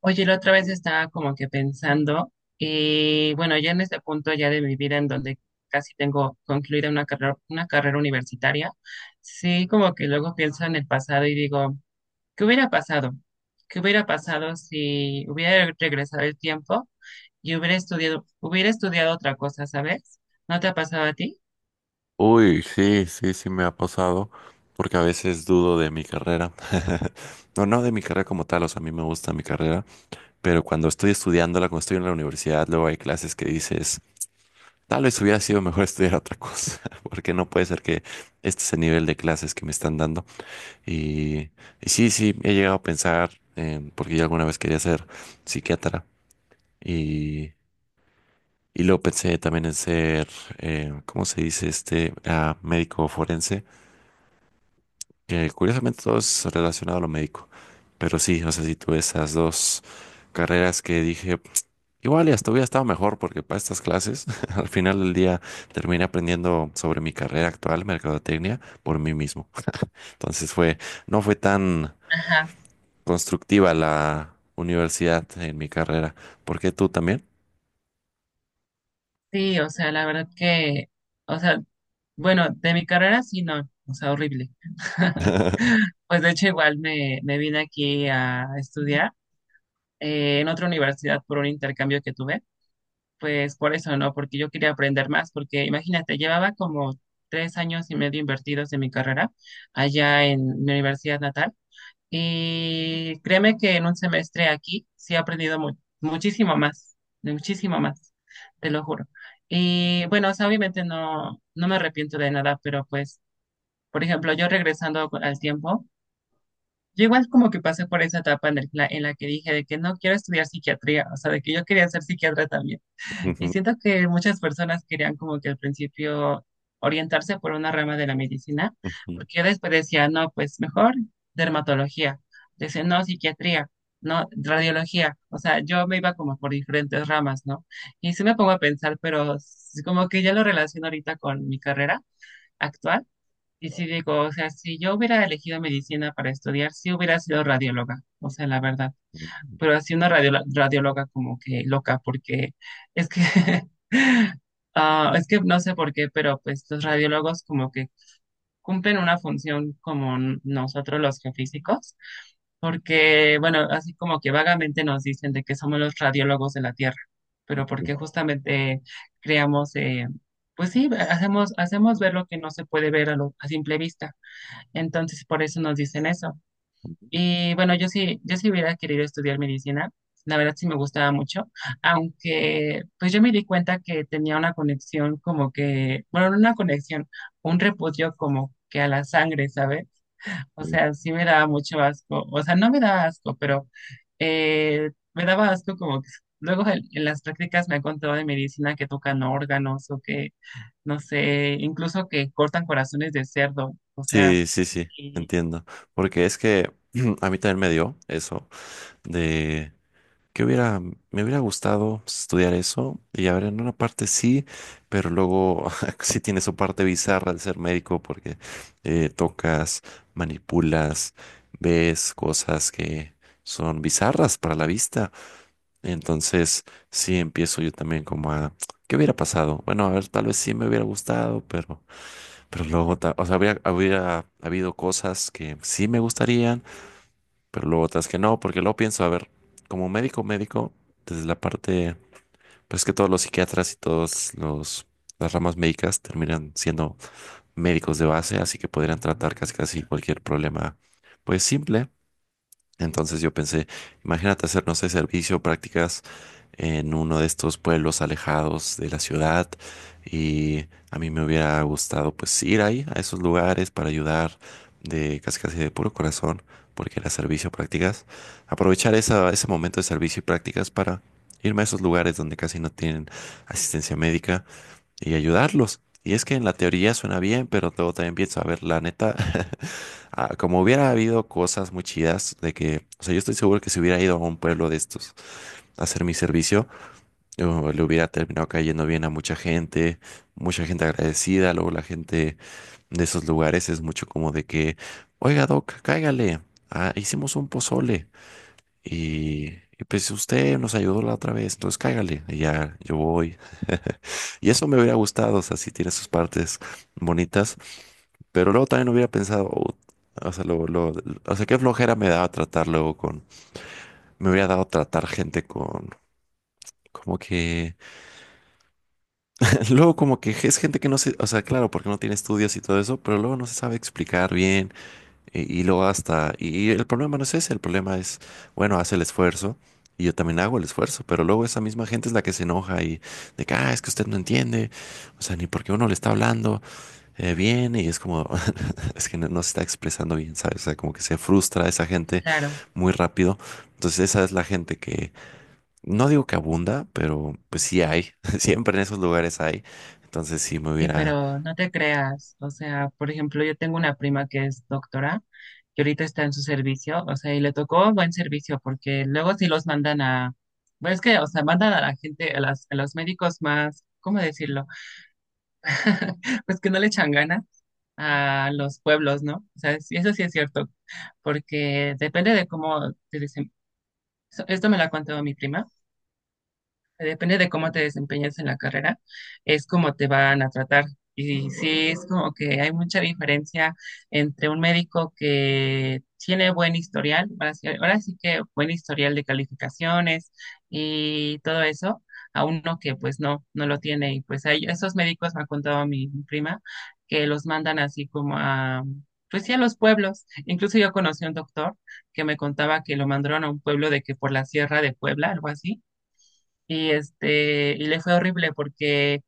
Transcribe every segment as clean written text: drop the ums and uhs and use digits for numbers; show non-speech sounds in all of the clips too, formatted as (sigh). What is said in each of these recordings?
Oye, la otra vez estaba como que pensando, y bueno, ya en este punto ya de mi vida en donde casi tengo concluida una carrera universitaria, sí, como que luego pienso en el pasado y digo, ¿qué hubiera pasado? ¿Qué hubiera pasado si hubiera regresado el tiempo y hubiera estudiado otra cosa, ¿sabes? ¿No te ha pasado a ti? Uy, sí, sí, sí me ha pasado, porque a veces dudo de mi carrera. (laughs) No, no de mi carrera como tal, o sea, a mí me gusta mi carrera, pero cuando estoy estudiándola, cuando estoy en la universidad, luego hay clases que dices, tal vez hubiera sido mejor (laughs) estudiar otra cosa, (laughs) porque no puede ser que este es el nivel de clases que me están dando. Y, y sí, he llegado a pensar, porque yo alguna vez quería ser psiquiatra, y, y luego pensé también en ser, ¿cómo se dice? Ah, médico forense, que curiosamente todo es relacionado a lo médico. Pero sí, o sea, si tuve esas dos carreras que dije, igual y hasta hubiera estado mejor porque para estas clases, (laughs) al final del día terminé aprendiendo sobre mi carrera actual, mercadotecnia, por mí mismo. Entonces fue, no fue tan Ajá, constructiva la universidad en mi carrera. ¿Por qué tú también? sí, o sea, la verdad que, o sea, bueno, de mi carrera sí, no, o sea, horrible. (laughs) (laughs) Pues de hecho igual me vine aquí a estudiar en otra universidad por un intercambio que tuve, pues por eso no, porque yo quería aprender más, porque imagínate, llevaba como 3 años y medio invertidos en mi carrera allá en mi universidad natal y créeme que en un semestre aquí sí he aprendido muchísimo más, muchísimo más, te lo juro. Y bueno, o sea, obviamente no, no me arrepiento de nada, pero pues por ejemplo, yo regresando al tiempo, yo igual como que pasé por esa etapa en, en la que dije de que no quiero estudiar psiquiatría, o sea, de que yo quería ser psiquiatra también. Y Ujú, siento que muchas personas querían como que al principio orientarse por una rama de la medicina, ujú. porque yo después decía, no, pues mejor dermatología, decía, no, psiquiatría, no, radiología, o sea, yo me iba como por diferentes ramas, ¿no? Y sí me pongo a pensar, pero como que ya lo relaciono ahorita con mi carrera actual y sí digo, o sea, si yo hubiera elegido medicina para estudiar, sí hubiera sido radióloga, o sea, la verdad. Pero así una radióloga como que loca, porque es que, (laughs) ah, es que no sé por qué, pero pues los radiólogos como que cumplen una función como nosotros los geofísicos, porque, bueno, así como que vagamente nos dicen de que somos los radiólogos de la Tierra, pero porque justamente creamos, pues sí, hacemos, hacemos ver lo que no se puede ver a simple vista. Entonces, por eso nos dicen eso. Y bueno, yo sí, yo sí hubiera querido estudiar medicina. La verdad sí me gustaba mucho, aunque pues yo me di cuenta que tenía una conexión como que, bueno, no una conexión, un repudio como que a la sangre, ¿sabes? O sea, sí me daba mucho asco, o sea, no me daba asco, pero me daba asco como que luego en las prácticas me han contado de medicina que tocan órganos o que, no sé, incluso que cortan corazones de cerdo, o sea, Sí, sí, sí, entiendo. Porque es que (clears throat) a mí también me dio eso de que me hubiera gustado estudiar eso y a ver, en una parte sí, pero luego (laughs) sí tiene su parte bizarra al ser médico porque tocas, manipulas, ves cosas que son bizarras para la vista. Entonces sí empiezo yo también como a, ¿qué hubiera pasado? Bueno, a ver, tal vez sí me hubiera gustado, pero luego, hubiera habido cosas que sí me gustarían pero luego otras que no, porque luego pienso, a ver, como médico, médico, desde la parte, pues es que todos los psiquiatras y todos los las ramas médicas terminan siendo médicos de base, así que podrían tratar casi casi cualquier problema, pues simple, entonces yo pensé, imagínate hacer, no sé, servicio, prácticas en uno de estos pueblos alejados de la ciudad y a mí me hubiera gustado pues ir ahí a esos lugares para ayudar de casi casi de puro corazón porque era servicio, prácticas, aprovechar ese momento de servicio y prácticas para irme a esos lugares donde casi no tienen asistencia médica y ayudarlos. Y es que en la teoría suena bien, pero luego también pienso, a ver, la neta, (laughs) como hubiera habido cosas muy chidas de que, o sea, yo estoy seguro que si hubiera ido a un pueblo de estos a hacer mi servicio, yo le hubiera terminado cayendo bien a mucha gente agradecida, luego la gente de esos lugares es mucho como de que, oiga, Doc, cáigale, ah, hicimos un pozole y... Y pues usted nos ayudó la otra vez, entonces cáigale, y ya yo voy. Y eso me hubiera gustado, o sea, sí tiene sus partes bonitas, pero luego también hubiera pensado, "Oh, o sea, o sea, qué flojera me daba tratar luego con, me hubiera dado tratar gente con, como que, (laughs) luego como que es gente que no se, o sea, claro, porque no tiene estudios y todo eso, pero luego no se sabe explicar bien y luego hasta, y el problema no es ese, el problema es, bueno, hace el esfuerzo. Y yo también hago el esfuerzo, pero luego esa misma gente es la que se enoja y de que, ah, es que usted no entiende, o sea, ni porque uno le está hablando, viene y es como, (laughs) es que no se está expresando bien, ¿sabes? O sea, como que se frustra esa gente claro, muy rápido. Entonces esa es la gente que, no digo que abunda, pero pues sí hay, (laughs) siempre en esos lugares hay. Entonces sí me sí, hubiera, pero no te creas. O sea, por ejemplo, yo tengo una prima que es doctora y ahorita está en su servicio, o sea, y le tocó buen servicio porque luego sí los mandan a, bueno, es que, o sea, mandan a la gente, a los médicos más, ¿cómo decirlo? (laughs) Pues que no le echan ganas a los pueblos, ¿no? O sea, sí, eso sí es cierto, porque depende de cómo te dicen. Esto me lo ha contado mi prima. Depende de cómo te desempeñes en la carrera, es como te van a tratar. Y sí, es como que hay mucha diferencia entre un médico que tiene buen historial, ahora sí que buen historial de calificaciones y todo eso, a uno que pues no, no lo tiene. Y pues hay esos médicos, me ha contado mi prima, que los mandan así como a, pues sí, a los pueblos. Incluso yo conocí a un doctor que me contaba que lo mandaron a un pueblo de que por la sierra de Puebla, algo así y este, y le fue horrible porque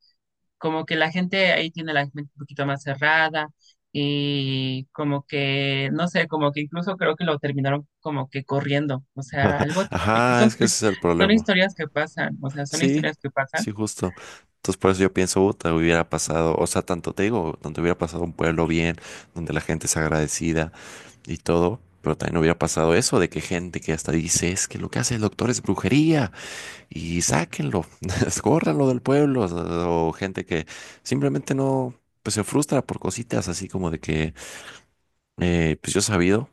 como que la gente ahí tiene la mente un poquito más cerrada y como que, no sé, como que incluso creo que lo terminaron como que corriendo. O sea, algo, (laughs) y ajá, son, es que ese es- es el son problema. historias que pasan, o sea, son Sí, historias que pasan. sí, justo. Entonces por eso yo pienso, "Uta, hubiera pasado, o sea, tanto te digo, donde hubiera pasado un pueblo bien, donde la gente es agradecida y todo. Pero también hubiera pasado eso de que gente que hasta dice, es que lo que hace el doctor es brujería. Y sáquenlo, (laughs) escórranlo del pueblo, o gente que simplemente no, pues se frustra por cositas así como de que, pues yo he sabido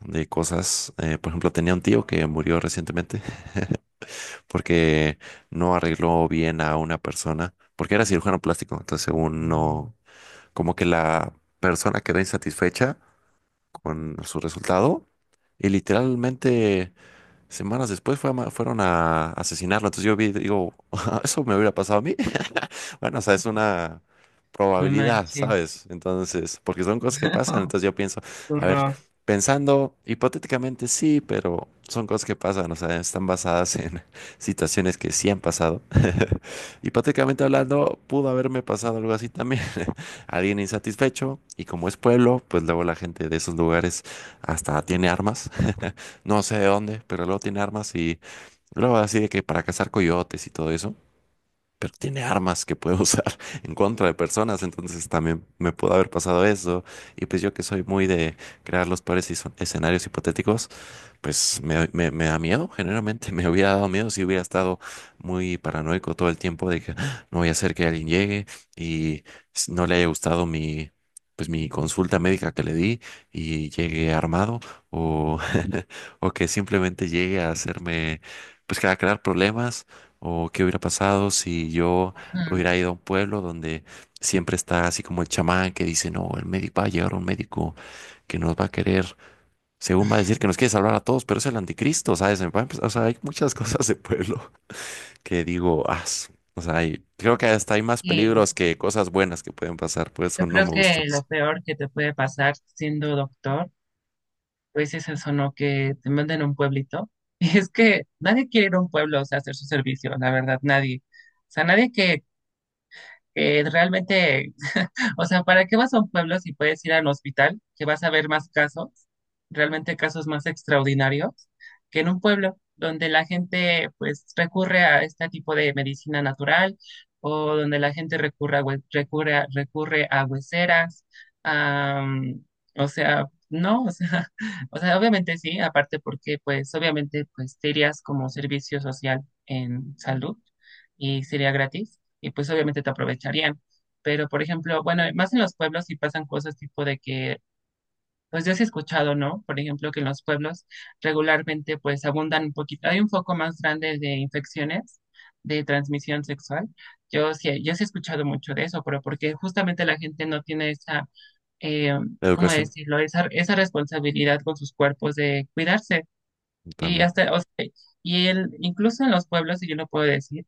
de cosas, por ejemplo, tenía un tío que murió recientemente porque no arregló bien a una persona, porque era cirujano plástico, entonces según no, como que la persona quedó insatisfecha con su resultado y literalmente... Semanas después fueron a asesinarlo. Entonces yo vi, digo, (laughs) eso me hubiera pasado a mí. Bueno, o sea, es una No probabilidad, manches, ¿sabes? Entonces, porque son cosas que (laughs) pasan, no, entonces yo pienso, qué a ver, horror. pensando hipotéticamente sí, pero son cosas que pasan, o sea, están basadas en (laughs) situaciones que sí han pasado. (laughs) Hipotéticamente hablando, pudo haberme pasado algo así también. (laughs) Alguien insatisfecho, y como es pueblo, pues luego la gente de esos lugares hasta tiene armas, (laughs) no sé de dónde, pero luego tiene armas y luego así de que para cazar coyotes y todo eso pero tiene armas que puede usar (laughs) en contra de personas, entonces también me pudo haber pasado eso. Y pues yo que soy muy de crear los peores escenarios hipotéticos, pues me da miedo, generalmente (laughs) me hubiera dado miedo si hubiera estado muy paranoico todo el tiempo de que "Ah, no voy a hacer que alguien llegue y no le haya gustado mi... pues mi consulta médica que le di y llegue armado o, (laughs) o que simplemente llegue a hacerme, pues que a crear problemas o qué hubiera pasado si yo Ujú. hubiera ido a un pueblo donde siempre está así como el chamán que dice, no, el médico va a llegar un médico que nos va a querer, según va a decir que nos quiere salvar a todos, pero es el anticristo, ¿sabes? Me va a empezar- O sea, hay muchas (laughs) cosas de pueblo (laughs) que digo, ah, su-". O sea, creo que hasta hay más Y peligros que cosas buenas que pueden pasar, por eso yo no creo me que gustó. lo peor que te puede pasar siendo doctor pues es eso, ¿no? Que te manden a un pueblito. (laughs) Y es que nadie quiere ir a un pueblo, o sea, a hacer su servicio, la verdad, nadie. O sea, nadie que, que realmente o sea, ¿para qué vas a un pueblo si puedes ir al hospital, que vas a ver más casos, realmente casos más extraordinarios, que en un pueblo donde la gente pues recurre a este tipo de medicina natural o donde la gente recurre a, recurre a hueseras? A, mm, o sea, no, o sea, (laughs) o sea, obviamente sí, aparte porque pues obviamente pues te irías como servicio social en salud y sería gratis y pues obviamente te aprovecharían. Pero, por ejemplo, bueno, más en los pueblos sí pasan cosas tipo de que, pues ya se ha escuchado, ¿no? Por ejemplo, que en los pueblos regularmente pues abundan un poquito, hay un foco más grande de infecciones de transmisión sexual. Yo sí, yo sí he escuchado mucho de eso, pero porque justamente la gente no tiene esa, eh, La ¿cómo educación decirlo? Esa responsabilidad con sus cuerpos de cuidarse. Y también. hasta, o sea, y él, incluso en los pueblos, y yo lo puedo decir,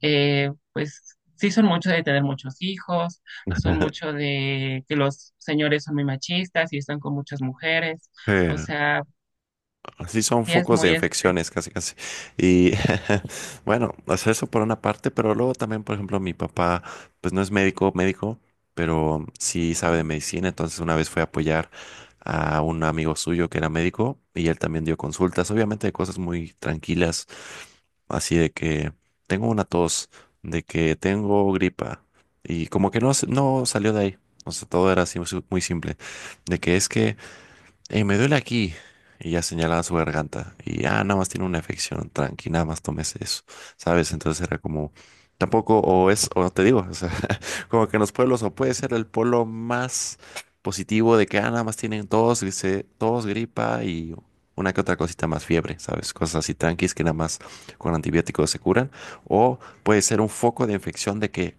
pues sí son mucho de tener muchos hijos, son mucho (laughs) de que los señores son muy machistas y están con muchas mujeres, o Eh, sea, así son sí es focos de muy, este, infecciones, casi, casi. Y (laughs) bueno, o sea, eso por una parte, pero luego también, por ejemplo, mi papá, pues no es médico, médico, pero sí sabe de medicina. Entonces, una vez fue a apoyar a un amigo suyo que era médico y él también dio consultas, obviamente de cosas muy tranquilas, así de que tengo una tos, de que tengo gripa y como que no, no salió de ahí. O sea, todo era así muy simple, de que es que me duele aquí. Y ya señalaba su garganta. Y ah, nada más tiene una afección, tranqui, nada más tomes eso. ¿Sabes? Entonces era como, tampoco, o no te digo, o sea, (laughs) como que en los pueblos, o puede ser el polo más positivo de que ah, nada más tienen tos, dice, tos, gripa y una que otra cosita más fiebre, ¿sabes? Cosas así tranquis que nada más con antibióticos se curan. O puede ser un foco de infección de que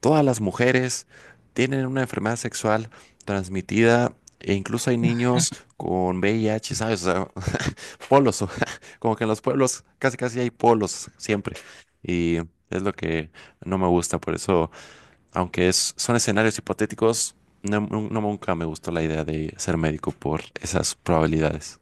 todas las mujeres tienen una enfermedad sexual transmitida e incluso hay niños con VIH, ¿sabes? O sea, (laughs) polos, (laughs) como que en los pueblos casi casi hay polos siempre. Y es lo que no me gusta, por eso, aunque es, son escenarios hipotéticos, nunca me gustó la idea de ser médico por esas probabilidades.